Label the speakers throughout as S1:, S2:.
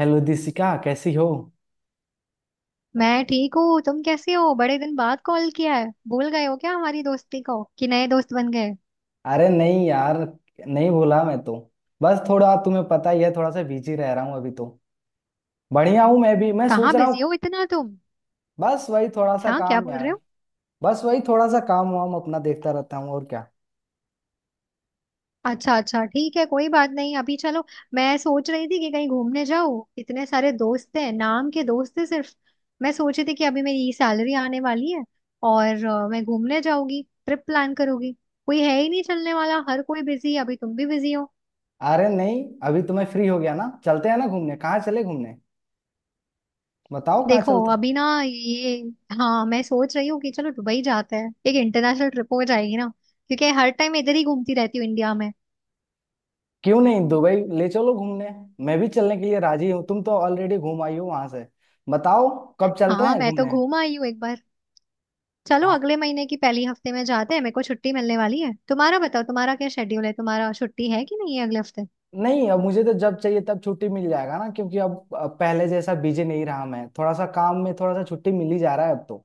S1: Hello Dishika कैसी हो।
S2: मैं ठीक हूँ। तुम कैसे हो? बड़े दिन बाद कॉल किया है, भूल गए हो क्या हमारी दोस्ती को कि नए दोस्त बन गए?
S1: अरे नहीं यार। नहीं भूला मैं तो। बस थोड़ा तुम्हें पता ही है, थोड़ा सा बिजी रह रहा हूँ अभी तो। बढ़िया हूँ मैं भी, मैं सोच
S2: कहाँ
S1: रहा
S2: बिजी
S1: हूँ।
S2: हो इतना तुम?
S1: बस वही थोड़ा सा
S2: हाँ, क्या
S1: काम
S2: बोल रहे
S1: यार।
S2: हो?
S1: बस वही थोड़ा सा काम वाम अपना देखता रहता हूँ, और क्या।
S2: अच्छा अच्छा, ठीक है, कोई बात नहीं। अभी चलो, मैं सोच रही थी कि कहीं घूमने जाऊँ। इतने सारे दोस्त हैं, नाम के दोस्त हैं सिर्फ। मैं सोची थी कि अभी मेरी सैलरी आने वाली है और मैं घूमने जाऊंगी, ट्रिप प्लान करूंगी। कोई है ही नहीं चलने वाला, हर कोई बिजी है, अभी तुम भी बिजी हो।
S1: अरे नहीं, अभी तो मैं फ्री हो गया ना, चलते हैं ना घूमने। कहाँ चले घूमने, बताओ कहाँ
S2: देखो
S1: चलते हैं।
S2: अभी ना ये, हाँ मैं सोच रही हूँ कि चलो दुबई जाते हैं, एक इंटरनेशनल ट्रिप हो जाएगी ना। क्योंकि हर टाइम इधर ही घूमती रहती हूँ इंडिया में।
S1: क्यों नहीं, दुबई ले चलो घूमने। मैं भी चलने के लिए राजी हूँ। तुम तो ऑलरेडी घूम आई हो वहां से। बताओ, कब चलते
S2: हाँ,
S1: हैं
S2: मैं तो
S1: घूमने।
S2: घूम आई हूँ एक बार। चलो अगले महीने की पहली हफ्ते में जाते हैं, मेरे को छुट्टी मिलने वाली है। तुम्हारा बताओ, तुम्हारा क्या शेड्यूल है, तुम्हारा छुट्टी है कि नहीं है अगले हफ्ते?
S1: नहीं, अब मुझे तो जब चाहिए तब छुट्टी मिल जाएगा ना, क्योंकि अब पहले जैसा बिजी नहीं रहा मैं। थोड़ा सा काम में थोड़ा सा छुट्टी मिल ही जा रहा है अब तो।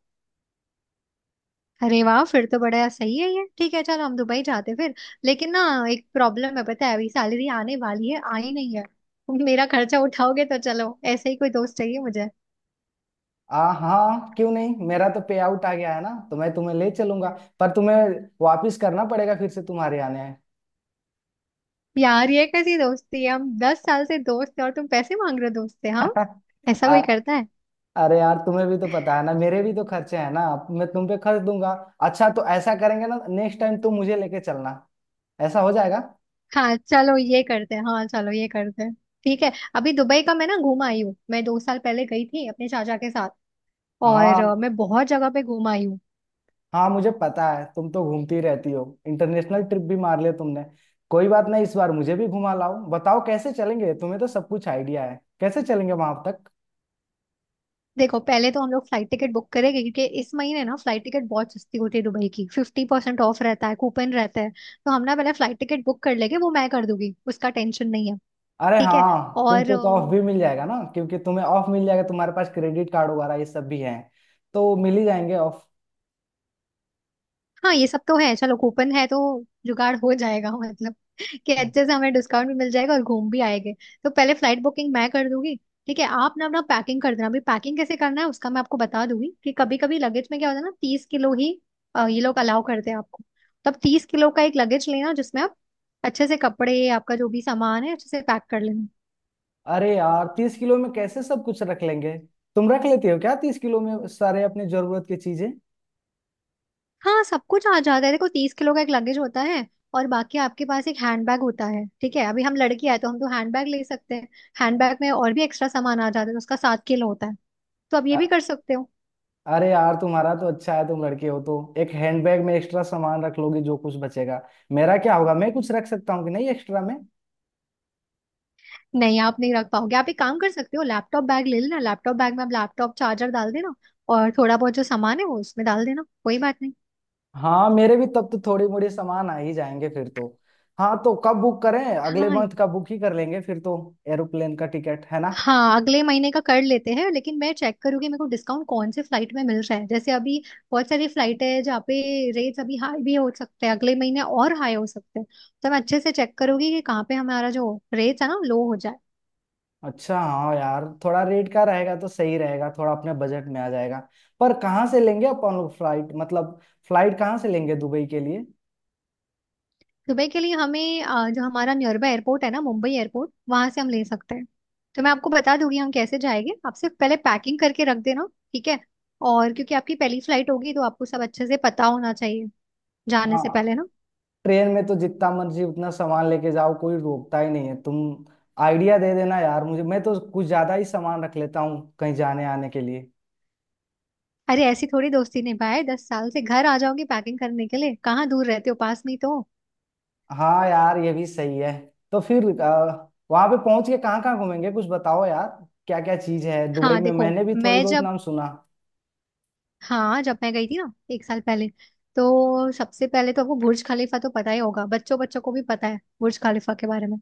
S2: अरे वाह, फिर तो बड़ा सही है ये। ठीक है, चलो हम दुबई जाते हैं फिर। लेकिन ना, एक प्रॉब्लम है, पता है अभी सैलरी आने वाली है, आई नहीं है। मेरा खर्चा उठाओगे तो चलो, ऐसे ही कोई दोस्त चाहिए मुझे।
S1: आ हाँ, क्यों नहीं। मेरा तो पे आउट आ गया है ना, तो मैं तुम्हें ले चलूंगा। पर तुम्हें वापस करना पड़ेगा फिर से, तुम्हारे आने हैं।
S2: यार, ये कैसी दोस्ती है, हम 10 साल से दोस्त हैं और तुम पैसे मांग रहे हो दोस्त से? हाँ, ऐसा
S1: आ-
S2: कोई करता है?
S1: अरे यार, तुम्हें भी तो पता है ना, मेरे भी तो खर्चे हैं ना। अब मैं तुम पे खर्च दूंगा। अच्छा, तो ऐसा करेंगे ना, नेक्स्ट टाइम तुम मुझे लेके चलना, ऐसा हो जाएगा।
S2: हाँ चलो ये करते हैं, हाँ चलो ये करते हैं। ठीक है, अभी दुबई का मैं ना घूम आई हूँ, मैं 2 साल पहले गई थी अपने चाचा के साथ। और
S1: हाँ
S2: मैं बहुत जगह पे घूम आई हूँ।
S1: हाँ, मुझे पता है, तुम तो घूमती रहती हो। इंटरनेशनल ट्रिप भी मार लिया तुमने। कोई बात नहीं, इस बार मुझे भी घुमा लाओ। बताओ कैसे चलेंगे, तुम्हें तो सब कुछ आइडिया है, कैसे चलेंगे वहां तक।
S2: देखो पहले तो हम लोग फ्लाइट टिकट बुक करेंगे, क्योंकि इस महीने ना फ्लाइट टिकट बहुत सस्ती होती है दुबई की। 50% ऑफ रहता है, कूपन रहता है, तो हम ना पहले फ्लाइट टिकट बुक कर लेंगे, वो मैं कर दूंगी, उसका टेंशन नहीं है।
S1: अरे
S2: ठीक है।
S1: हाँ,
S2: और
S1: तुमको तो ऑफ भी मिल जाएगा ना, क्योंकि तुम्हें ऑफ मिल जाएगा, तुम्हारे पास क्रेडिट कार्ड वगैरह ये सब भी है, तो मिल ही जाएंगे ऑफ।
S2: हाँ, ये सब तो है। चलो कूपन है तो जुगाड़ हो जाएगा, मतलब कि अच्छे से हमें डिस्काउंट भी मिल जाएगा और घूम भी आएंगे। तो पहले फ्लाइट बुकिंग मैं कर दूंगी। ठीक है, आप ना अपना पैकिंग कर देना। अभी पैकिंग कैसे करना है उसका मैं आपको बता दूंगी। कि कभी कभी लगेज में क्या होता है ना, 30 किलो ही ये लोग अलाउ करते हैं आपको। तब 30 किलो का एक लगेज लेना, जिसमें आप अच्छे से कपड़े, आपका जो भी सामान है अच्छे से पैक कर लेना।
S1: अरे यार, 30 किलो में कैसे सब कुछ रख लेंगे। तुम रख लेती हो क्या 30 किलो में सारे अपने जरूरत की चीजें।
S2: हाँ सब कुछ आ जाता है, देखो 30 किलो का एक लगेज होता है और बाकी आपके पास एक हैंडबैग होता है। ठीक है, अभी हम लड़की आए तो हम तो हैंडबैग ले सकते हैं। हैंडबैग में और भी एक्स्ट्रा सामान आ जाता है, तो उसका 7 किलो होता है, तो आप ये भी कर सकते हो।
S1: अरे यार, तुम्हारा तो अच्छा है, तुम लड़के हो, तो एक हैंडबैग में एक्स्ट्रा सामान रख लोगे जो कुछ बचेगा। मेरा क्या होगा, मैं कुछ रख सकता हूँ कि नहीं एक्स्ट्रा में।
S2: नहीं, आप नहीं रख पाओगे, आप एक काम कर सकते हो, लैपटॉप बैग ले लेना। लैपटॉप बैग में आप लैपटॉप चार्जर डाल देना और थोड़ा बहुत जो सामान है वो उसमें डाल देना, कोई बात नहीं।
S1: हाँ मेरे भी तब तो थोड़ी मोड़ी सामान आ ही जाएंगे फिर तो। हाँ तो कब बुक करें, अगले
S2: हाँ
S1: मंथ का बुक ही कर लेंगे फिर तो। एरोप्लेन का टिकट है ना।
S2: हाँ, अगले महीने का कर लेते हैं, लेकिन मैं चेक करूंगी मेरे को डिस्काउंट कौन से फ्लाइट में मिल रहा है। जैसे अभी बहुत सारी फ्लाइट है, जहाँ पे रेट्स अभी हाई भी हो सकते हैं, अगले महीने और हाई हो सकते हैं। तो मैं अच्छे से चेक करूंगी कि कहाँ पे हमारा जो रेट्स है ना लो हो जाए।
S1: अच्छा हाँ यार, थोड़ा रेट का रहेगा तो सही रहेगा, थोड़ा अपने बजट में आ जाएगा। पर कहाँ से लेंगे अपन लोग फ्लाइट, मतलब फ्लाइट कहाँ से लेंगे दुबई के लिए।
S2: दुबई के लिए हमें जो हमारा नियर बाय एयरपोर्ट है ना, मुंबई एयरपोर्ट, वहां से हम ले सकते हैं। तो मैं आपको बता दूंगी हम कैसे जाएंगे, आप सिर्फ पहले पैकिंग करके रख देना, ठीक है। और क्योंकि आपकी पहली फ्लाइट होगी तो आपको सब अच्छे से पता होना चाहिए जाने से
S1: हाँ,
S2: पहले ना।
S1: ट्रेन में तो जितना मर्जी उतना सामान लेके जाओ, कोई रोकता ही नहीं है। तुम आइडिया दे देना यार मुझे, मैं तो कुछ ज्यादा ही सामान रख लेता हूँ कहीं जाने आने के लिए।
S2: अरे ऐसी थोड़ी दोस्ती निभाए, 10 साल से, घर आ जाओगी पैकिंग करने के लिए, कहाँ दूर रहते हो, पास में ही तो।
S1: हाँ यार, ये भी सही है। तो फिर वहां पे पहुंच के कहाँ कहाँ घूमेंगे, कुछ बताओ यार। क्या क्या चीज है दुबई
S2: हाँ
S1: में,
S2: देखो
S1: मैंने भी थोड़ी
S2: मैं
S1: बहुत
S2: जब,
S1: नाम सुना।
S2: हाँ जब मैं गई थी ना 1 साल पहले, तो सबसे पहले तो आपको बुर्ज खलीफा तो पता ही होगा, बच्चों बच्चों को भी पता है बुर्ज खलीफा के बारे में।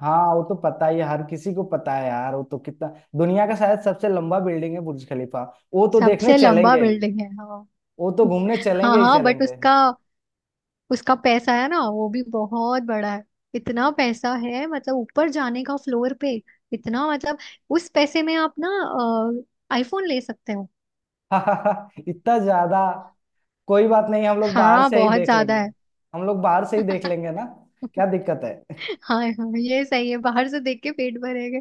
S1: हाँ वो तो पता ही है, हर किसी को पता है यार। वो तो कितना, दुनिया का शायद सबसे लंबा बिल्डिंग है बुर्ज खलीफा। वो तो देखने
S2: सबसे लंबा
S1: चलेंगे ही।
S2: बिल्डिंग है, हाँ
S1: वो तो घूमने
S2: हाँ
S1: चलेंगे ही
S2: हाँ, बट
S1: चलेंगे।
S2: उसका उसका पैसा है ना, वो भी बहुत बड़ा है, इतना पैसा है, मतलब ऊपर जाने का फ्लोर पे, इतना, मतलब उस पैसे में आप ना आईफोन ले सकते हो।
S1: इतना ज्यादा। कोई बात नहीं, हम लोग बाहर
S2: हाँ
S1: से ही
S2: बहुत
S1: देख
S2: ज्यादा
S1: लेंगे।
S2: है।
S1: हम लोग बाहर से ही देख लेंगे ना। क्या दिक्कत है।
S2: हाँ हाँ, ये सही है, बाहर से देख के पेट भरेगा।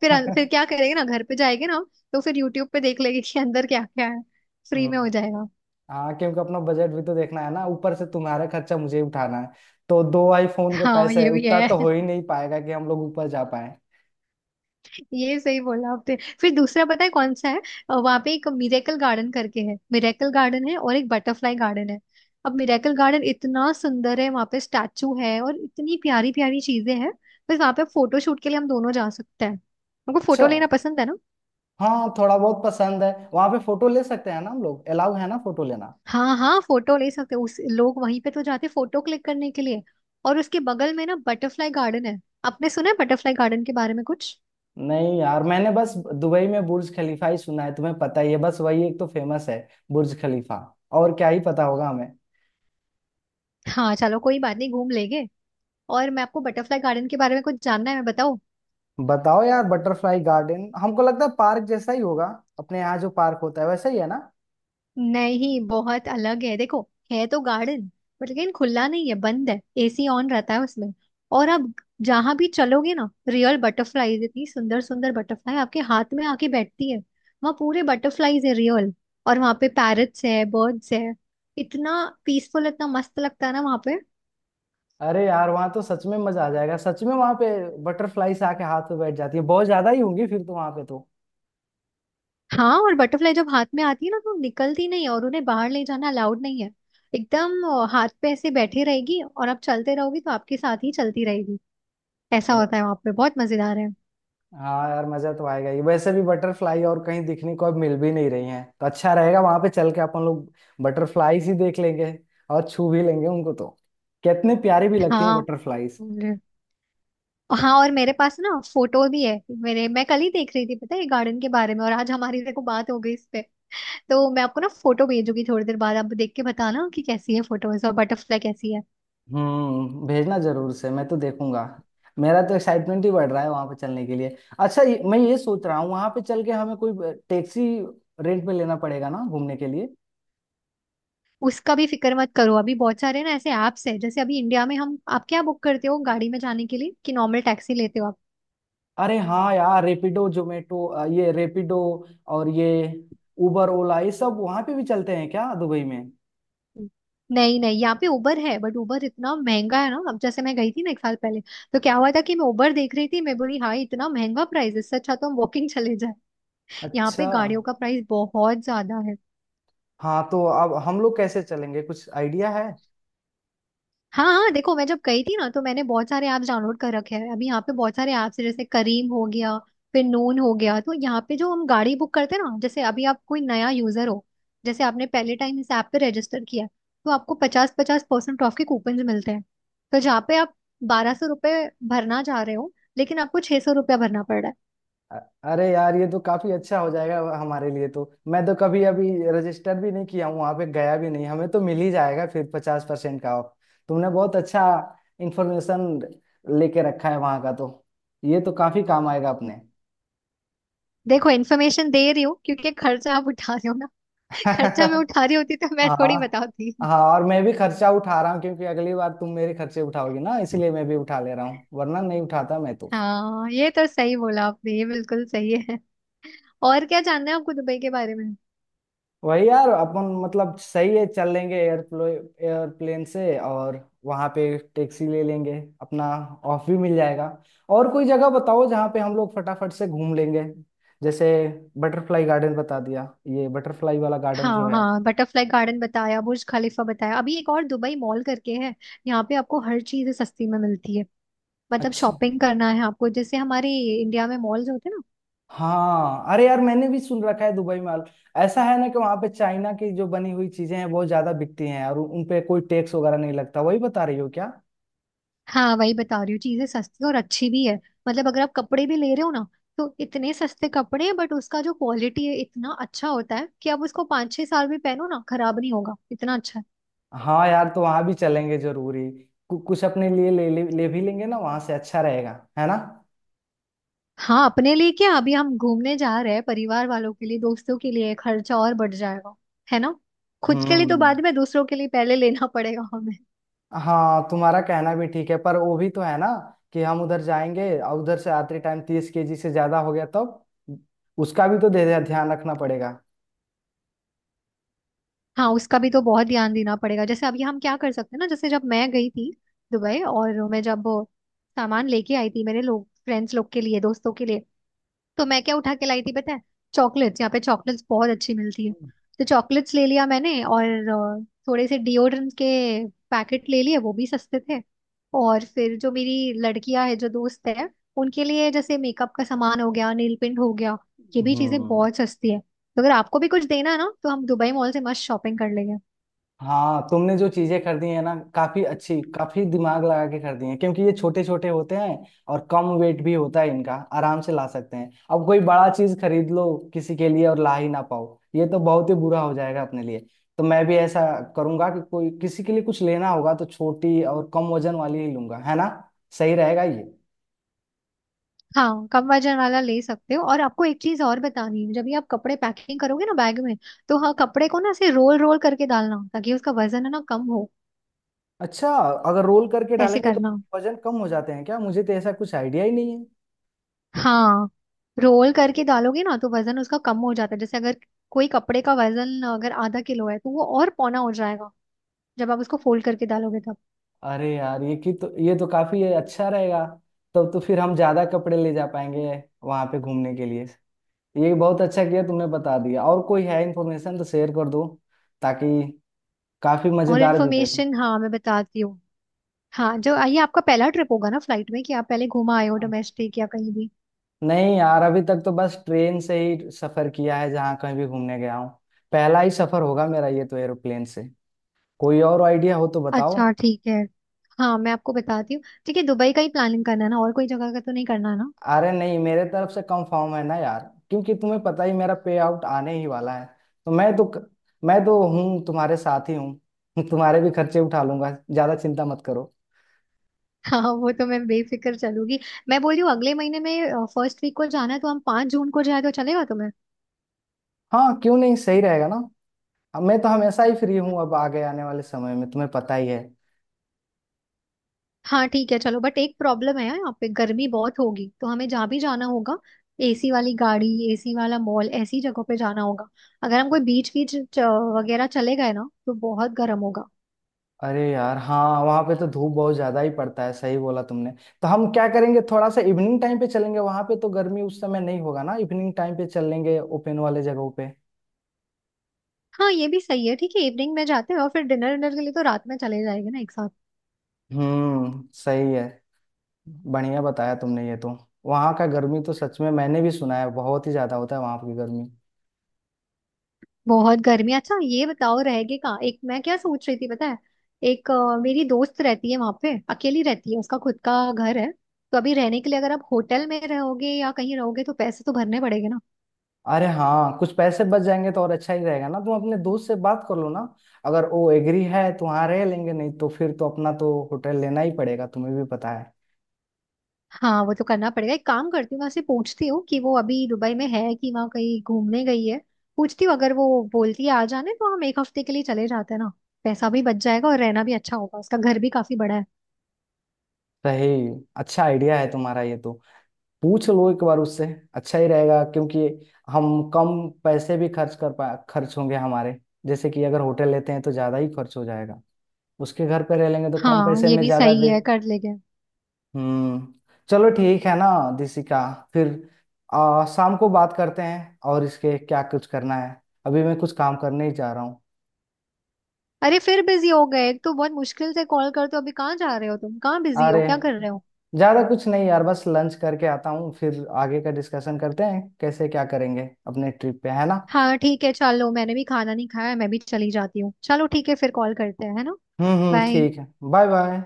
S2: फिर फिर क्या करेंगे ना, घर पे जाएंगे ना हम। तो फिर यूट्यूब पे देख लेंगे कि अंदर क्या क्या है, फ्री
S1: हम्म,
S2: में हो जाएगा।
S1: हाँ, क्योंकि अपना बजट भी तो देखना है ना, ऊपर से तुम्हारा खर्चा मुझे ही उठाना है। तो 2 आईफोन के
S2: हाँ
S1: पैसे है
S2: ये भी
S1: उतना
S2: है।
S1: तो हो ही नहीं पाएगा कि हम लोग ऊपर जा पाए।
S2: ये सही बोला आपने। फिर दूसरा पता है कौन सा है, वहां पे एक मिरेकल गार्डन करके है। मिरेकल गार्डन है और एक बटरफ्लाई गार्डन है। अब मिरेकल गार्डन इतना सुंदर है, वहां पे स्टैचू है और इतनी प्यारी प्यारी चीजें हैं, बस वहां पे फोटो शूट के लिए हम दोनों जा सकते हैं। हमको
S1: अच्छा
S2: फोटो लेना पसंद है ना।
S1: हाँ, थोड़ा बहुत पसंद है। वहां पे फोटो ले सकते हैं ना हम लोग, अलाउ है ना फोटो लेना।
S2: हाँ हाँ फोटो ले सकते हैं। उस लोग वहीं पे तो जाते फोटो क्लिक करने के लिए। और उसके बगल में ना बटरफ्लाई गार्डन है। आपने सुना है बटरफ्लाई गार्डन के बारे में कुछ?
S1: नहीं यार, मैंने बस दुबई में बुर्ज खलीफा ही सुना है। तुम्हें पता ही है, बस वही एक तो फेमस है, बुर्ज खलीफा। और क्या ही पता होगा हमें।
S2: हाँ चलो कोई बात नहीं, घूम लेंगे। और मैं आपको बटरफ्लाई गार्डन के बारे में कुछ जानना है, मैं बताओ।
S1: बताओ यार, बटरफ्लाई गार्डन हमको लगता है पार्क जैसा ही होगा। अपने यहाँ जो पार्क होता है वैसा ही है ना।
S2: नहीं बहुत अलग है, देखो है तो गार्डन, पर लेकिन खुला नहीं है, बंद है, एसी ऑन रहता है उसमें। और आप जहां भी चलोगे ना, रियल बटरफ्लाईज, इतनी सुंदर सुंदर बटरफ्लाई आपके हाथ में आके बैठती है। वहाँ पूरे बटरफ्लाईज है, रियल। और वहाँ पे पैरट्स है, बर्ड्स है, इतना पीसफुल, इतना मस्त लगता है ना वहाँ पे।
S1: अरे यार, वहाँ तो सच में मजा आ जाएगा। सच में वहाँ पे बटरफ्लाई से आके हाथ में बैठ जाती है, बहुत ज्यादा ही होंगी फिर तो वहाँ पे तो।
S2: हाँ, और बटरफ्लाई जब हाथ में आती है ना तो निकलती नहीं है, और उन्हें बाहर ले जाना अलाउड नहीं है। एकदम हाथ पे ऐसे बैठी रहेगी और आप चलते रहोगे तो आपके साथ ही चलती रहेगी। ऐसा
S1: अरे
S2: होता है वहां पे, बहुत मजेदार है।
S1: हाँ यार, मजा तो आएगा ही, वैसे भी बटरफ्लाई और कहीं दिखने को अब मिल भी नहीं रही हैं, तो अच्छा रहेगा वहाँ पे चल के अपन लोग। बटरफ्लाईज ही देख लेंगे, और छू भी लेंगे उनको तो। कितनी प्यारी भी लगती है
S2: हाँ
S1: बटरफ्लाईज।
S2: और- हाँ और मेरे पास ना फोटो भी है। मेरे मैं कल ही देख रही थी, पता है गार्डन के बारे में, और आज हमारी देखो बात हो गई इस पे। तो मैं आपको ना फोटो भेजूंगी थोड़ी देर बाद, आप देख के बताना कि कैसी है फोटोज और बटरफ्लाई कैसी है।
S1: भेजना जरूर से, मैं तो देखूंगा। मेरा तो एक्साइटमेंट ही बढ़ रहा है वहां पे चलने के लिए। अच्छा, मैं ये सोच रहा हूँ, वहां पे चल के हमें कोई टैक्सी रेंट पे लेना पड़ेगा ना घूमने के लिए।
S2: उसका भी फिक्र मत करो, अभी बहुत सारे ना ऐसे ऐप्स है। जैसे अभी इंडिया में हम, आप क्या बुक करते हो गाड़ी में जाने के लिए, कि नॉर्मल टैक्सी लेते हो आप?
S1: अरे हाँ यार, रेपिडो जोमेटो, ये रेपिडो और ये उबर ओला, ये सब वहां पे भी चलते हैं क्या दुबई में।
S2: नहीं नहीं, यहाँ पे उबर है बट उबर इतना महंगा है ना। अब जैसे मैं गई थी ना एक साल पहले, तो क्या हुआ था कि मैं उबर देख रही थी, मैं बोली हाँ इतना महंगा प्राइस, इससे अच्छा तो हम वॉकिंग चले जाए। यहाँ
S1: अच्छा,
S2: पे गाड़ियों का प्राइस बहुत ज्यादा है।
S1: हाँ तो अब हम लोग कैसे चलेंगे, कुछ आइडिया है।
S2: हाँ हाँ देखो, मैं जब गई थी ना तो मैंने बहुत सारे ऐप्स डाउनलोड कर रखे हैं। अभी यहाँ पे बहुत सारे ऐप्स हैं, जैसे करीम हो गया, फिर नून हो गया। तो यहाँ पे जो हम गाड़ी बुक करते हैं ना, जैसे अभी आप कोई नया यूजर हो, जैसे आपने पहले टाइम इस ऐप पे रजिस्टर किया है, तो आपको पचास पचास परसेंट ऑफ के कूपन मिलते हैं। तो जहाँ पे आप 1200 रुपये भरना चाह रहे हो, लेकिन आपको 600 रुपया भरना पड़ रहा
S1: अ- अरे यार, ये तो काफी अच्छा हो जाएगा हमारे लिए तो। मैं तो कभी अभी रजिस्टर भी नहीं किया हूँ, वहां पे गया भी नहीं, हमें तो मिल ही जाएगा फिर 50% का ऑफ। तुमने बहुत अच्छा इंफॉर्मेशन लेके रखा है वहां का तो। ये तो काफी काम आएगा
S2: है।
S1: अपने।
S2: देखो इन्फॉर्मेशन दे रही हूँ क्योंकि खर्चा आप उठा रहे हो ना। खर्चा मैं उठा रही होती तो मैं थोड़ी
S1: हाँ
S2: बताती।
S1: हाँ, और मैं भी खर्चा उठा रहा हूँ, क्योंकि अगली बार तुम मेरे खर्चे उठाओगी ना, इसलिए मैं भी उठा ले रहा हूँ, वरना नहीं उठाता मैं तो।
S2: हाँ ये तो सही बोला आपने, ये बिल्कुल सही है। और क्या जानना है आपको दुबई के बारे में?
S1: वही यार, अपन मतलब सही है, चल लेंगे एयरप्लो एयरप्लेन से, और वहां पे टैक्सी ले लेंगे, अपना ऑफ भी मिल जाएगा। और कोई जगह बताओ जहाँ पे हम लोग फटाफट से घूम लेंगे, जैसे बटरफ्लाई गार्डन बता दिया, ये बटरफ्लाई वाला गार्डन जो
S2: हाँ
S1: है।
S2: हाँ, बटरफ्लाई गार्डन बताया, बुर्ज खलीफा बताया। अभी एक और दुबई मॉल करके है, यहाँ पे आपको हर चीज सस्ती में मिलती है। मतलब
S1: अच्छा
S2: शॉपिंग करना है आपको, जैसे हमारे इंडिया में मॉल्स होते हैं ना।
S1: हाँ, अरे यार, मैंने भी सुन रखा है दुबई में। आल- ऐसा है ना कि वहां पे चाइना की जो बनी हुई चीजें हैं बहुत ज्यादा बिकती हैं, और उन पे कोई टैक्स वगैरह नहीं लगता, वही बता रही हो क्या।
S2: हाँ, वही बता रही हूँ, चीजें सस्ती और अच्छी भी है। मतलब अगर आप कपड़े भी ले रहे हो ना, तो इतने सस्ते कपड़े हैं, बट उसका जो क्वालिटी है इतना अच्छा होता है कि आप उसको 5 6 साल भी पहनो ना, खराब नहीं होगा, इतना अच्छा है।
S1: हाँ यार, तो वहां भी चलेंगे जरूरी, कुछ अपने लिए ले भी लेंगे ना वहां से, अच्छा रहेगा, है ना।
S2: हाँ अपने लिए क्या, अभी हम घूमने जा रहे हैं, परिवार वालों के लिए, दोस्तों के लिए, खर्चा और बढ़ जाएगा, है ना। खुद के लिए तो
S1: हम्म
S2: बाद में, दूसरों के लिए पहले लेना पड़ेगा हमें।
S1: हाँ, तुम्हारा कहना भी ठीक है, पर वो भी तो है ना कि हम उधर जाएंगे और उधर से आते टाइम 30 KG से ज्यादा हो गया तब, उसका भी तो ध्यान रखना पड़ेगा।
S2: हाँ, उसका भी तो बहुत ध्यान देना पड़ेगा। जैसे अभी हम क्या कर सकते हैं ना, जैसे जब मैं गई थी दुबई, और मैं जब सामान लेके आई थी मेरे लोग फ्रेंड्स लोग के लिए, दोस्तों के लिए, तो मैं क्या उठा के लाई थी, पता है? चॉकलेट्स, यहाँ पे चॉकलेट्स बहुत अच्छी मिलती है, तो चॉकलेट्स ले लिया मैंने, और थोड़े से डिओड्रेंट के पैकेट ले लिए, वो भी सस्ते थे। और फिर जो मेरी लड़कियां है, जो दोस्त है, उनके लिए जैसे मेकअप का सामान हो गया, नील पिंट हो गया, ये भी चीजें
S1: हम्म
S2: बहुत सस्ती है। तो अगर आपको भी कुछ देना है ना तो हम दुबई मॉल से मस्त शॉपिंग कर लेंगे।
S1: हाँ, तुमने जो चीजें कर दी है ना काफी अच्छी, काफी दिमाग लगा के कर दी है, क्योंकि ये छोटे छोटे होते हैं और कम वेट भी होता है इनका, आराम से ला सकते हैं। अब कोई बड़ा चीज खरीद लो किसी के लिए और ला ही ना पाओ, ये तो बहुत ही बुरा हो जाएगा अपने लिए। तो मैं भी ऐसा करूंगा कि कोई किसी के लिए कुछ लेना होगा तो छोटी और कम वजन वाली ही लूंगा, है ना, सही रहेगा ये।
S2: हाँ, कम वजन वाला ले सकते हो, और आपको एक चीज और बतानी है, जब भी आप कपड़े पैकिंग करोगे ना बैग में, तो हाँ कपड़े को ना ऐसे रोल रोल करके डालना ताकि उसका वजन है ना कम हो,
S1: अच्छा, अगर रोल करके
S2: ऐसे
S1: डालेंगे तो
S2: करना।
S1: वजन कम हो जाते हैं क्या, मुझे तो ऐसा कुछ आइडिया ही नहीं है।
S2: हाँ, रोल करके डालोगे ना तो वजन उसका कम हो जाता है। जैसे अगर कोई कपड़े का वजन अगर आधा किलो है तो वो और पौना हो जाएगा जब आप उसको फोल्ड करके डालोगे तब।
S1: अरे यार ये की तो, ये तो काफी अच्छा रहेगा, तब तो फिर हम ज्यादा कपड़े ले जा पाएंगे वहां पे घूमने के लिए। ये बहुत अच्छा किया तुमने बता दिया, और कोई है इन्फॉर्मेशन तो शेयर कर दो, ताकि काफी
S2: और
S1: मजेदार भी रहे।
S2: इन्फॉर्मेशन, हाँ मैं बताती हूँ। हाँ, जो ये आपका पहला ट्रिप होगा ना फ्लाइट में, कि आप पहले घूमा आए हो
S1: हाँ।
S2: डोमेस्टिक या कहीं भी?
S1: नहीं यार, अभी तक तो बस ट्रेन से ही सफर किया है जहाँ कहीं भी घूमने गया हूँ। पहला ही सफर होगा मेरा ये तो एरोप्लेन से। कोई और आइडिया हो तो बताओ।
S2: अच्छा ठीक है। हाँ, मैं आपको बताती हूँ। ठीक है, दुबई का ही प्लानिंग करना है ना, और कोई जगह का तो नहीं करना है ना?
S1: अरे नहीं, मेरे तरफ से कंफर्म है ना यार, क्योंकि तुम्हें पता ही, मेरा पे आउट आने ही वाला है, तो मैं तो हूँ तुम्हारे साथ ही हूँ। तुम्हारे भी खर्चे उठा लूंगा, ज्यादा चिंता मत करो।
S2: हाँ वो तो मैं बेफिक्र चलूंगी। मैं बोल रही हूँ अगले महीने में फर्स्ट वीक को जाना है, तो हम 5 जून को जाए तो चलेगा?
S1: हाँ क्यों नहीं, सही रहेगा ना। अब मैं तो हमेशा ही फ्री हूँ, अब आगे आने वाले समय में तुम्हें पता ही है।
S2: हाँ ठीक है चलो, बट एक प्रॉब्लम है यार, यहाँ पे गर्मी बहुत होगी, तो हमें जहाँ भी जाना होगा एसी वाली गाड़ी, एसी वाला मॉल, ऐसी जगहों पे जाना होगा। अगर हम कोई बीच बीच च- वगैरह चले गए ना, तो बहुत गर्म होगा।
S1: अरे यार हाँ, वहां पे तो धूप बहुत ज्यादा ही पड़ता है, सही बोला तुमने। तो हम क्या करेंगे, थोड़ा सा इवनिंग टाइम पे चलेंगे वहां पे, तो गर्मी उस समय नहीं होगा ना। इवनिंग टाइम पे चलेंगे ओपन वाले जगहों पे।
S2: हाँ ये भी सही है, ठीक है इवनिंग में जाते हैं, और फिर डिनर डिनर के लिए तो रात में चले जाएंगे ना एक साथ।
S1: सही है, बढ़िया बताया तुमने ये तो। वहाँ का गर्मी तो सच में मैंने भी सुना है, बहुत ही ज्यादा होता है वहाँ की गर्मी।
S2: बहुत गर्मी है। अच्छा, ये बताओ रहेगी कहाँ, एक मैं क्या सोच रही थी पता है, एक मेरी दोस्त रहती है वहां पे, अकेली रहती है, उसका खुद का घर है। तो अभी रहने के लिए, अगर आप होटल में रहोगे या कहीं रहोगे तो पैसे तो भरने पड़ेंगे ना।
S1: अरे हाँ, कुछ पैसे बच जाएंगे तो और अच्छा ही रहेगा ना, तुम अपने दोस्त से बात कर लो ना। अगर वो एग्री है तो वहाँ रह लेंगे, नहीं तो फिर तो अपना तो होटल लेना ही पड़ेगा, तुम्हें भी पता है।
S2: हाँ वो तो करना पड़ेगा, एक काम करती हूँ वहां से पूछती हूँ कि वो अभी दुबई में है कि वहाँ कहीं घूमने गई है। पूछती हूँ, अगर वो बोलती है आ जाने तो हम 1 हफ्ते के लिए चले जाते हैं ना, पैसा भी बच जाएगा और रहना भी अच्छा होगा, उसका घर भी काफी बड़ा है।
S1: सही, अच्छा आइडिया है तुम्हारा ये तो, पूछ लो एक बार उससे, अच्छा ही रहेगा। क्योंकि हम कम पैसे भी खर्च कर पा, खर्च होंगे हमारे, जैसे कि अगर होटल लेते हैं तो ज्यादा ही खर्च हो जाएगा, उसके घर पे रह लेंगे तो कम
S2: हाँ
S1: पैसे
S2: ये
S1: में
S2: भी
S1: ज्यादा
S2: सही
S1: दे।
S2: है, कर लेंगे।
S1: हम्म चलो ठीक है ना दिसिका, फिर शाम को बात करते हैं, और इसके क्या कुछ करना है, अभी मैं कुछ काम करने ही जा रहा हूँ।
S2: अरे फिर बिजी हो गए, एक तो बहुत मुश्किल से कॉल करते हो, अभी कहाँ जा रहे हो तुम, कहाँ बिजी
S1: अरे
S2: हो, क्या कर रहे हो?
S1: ज्यादा कुछ नहीं यार, बस लंच करके आता हूँ, फिर आगे का डिस्कशन करते हैं कैसे क्या करेंगे अपने ट्रिप पे, है ना।
S2: हाँ ठीक है चलो, मैंने भी खाना नहीं खाया है, मैं भी चली जाती हूँ। चलो ठीक है, फिर कॉल करते हैं है ना।
S1: हम्म,
S2: बाय।
S1: ठीक है, बाय बाय।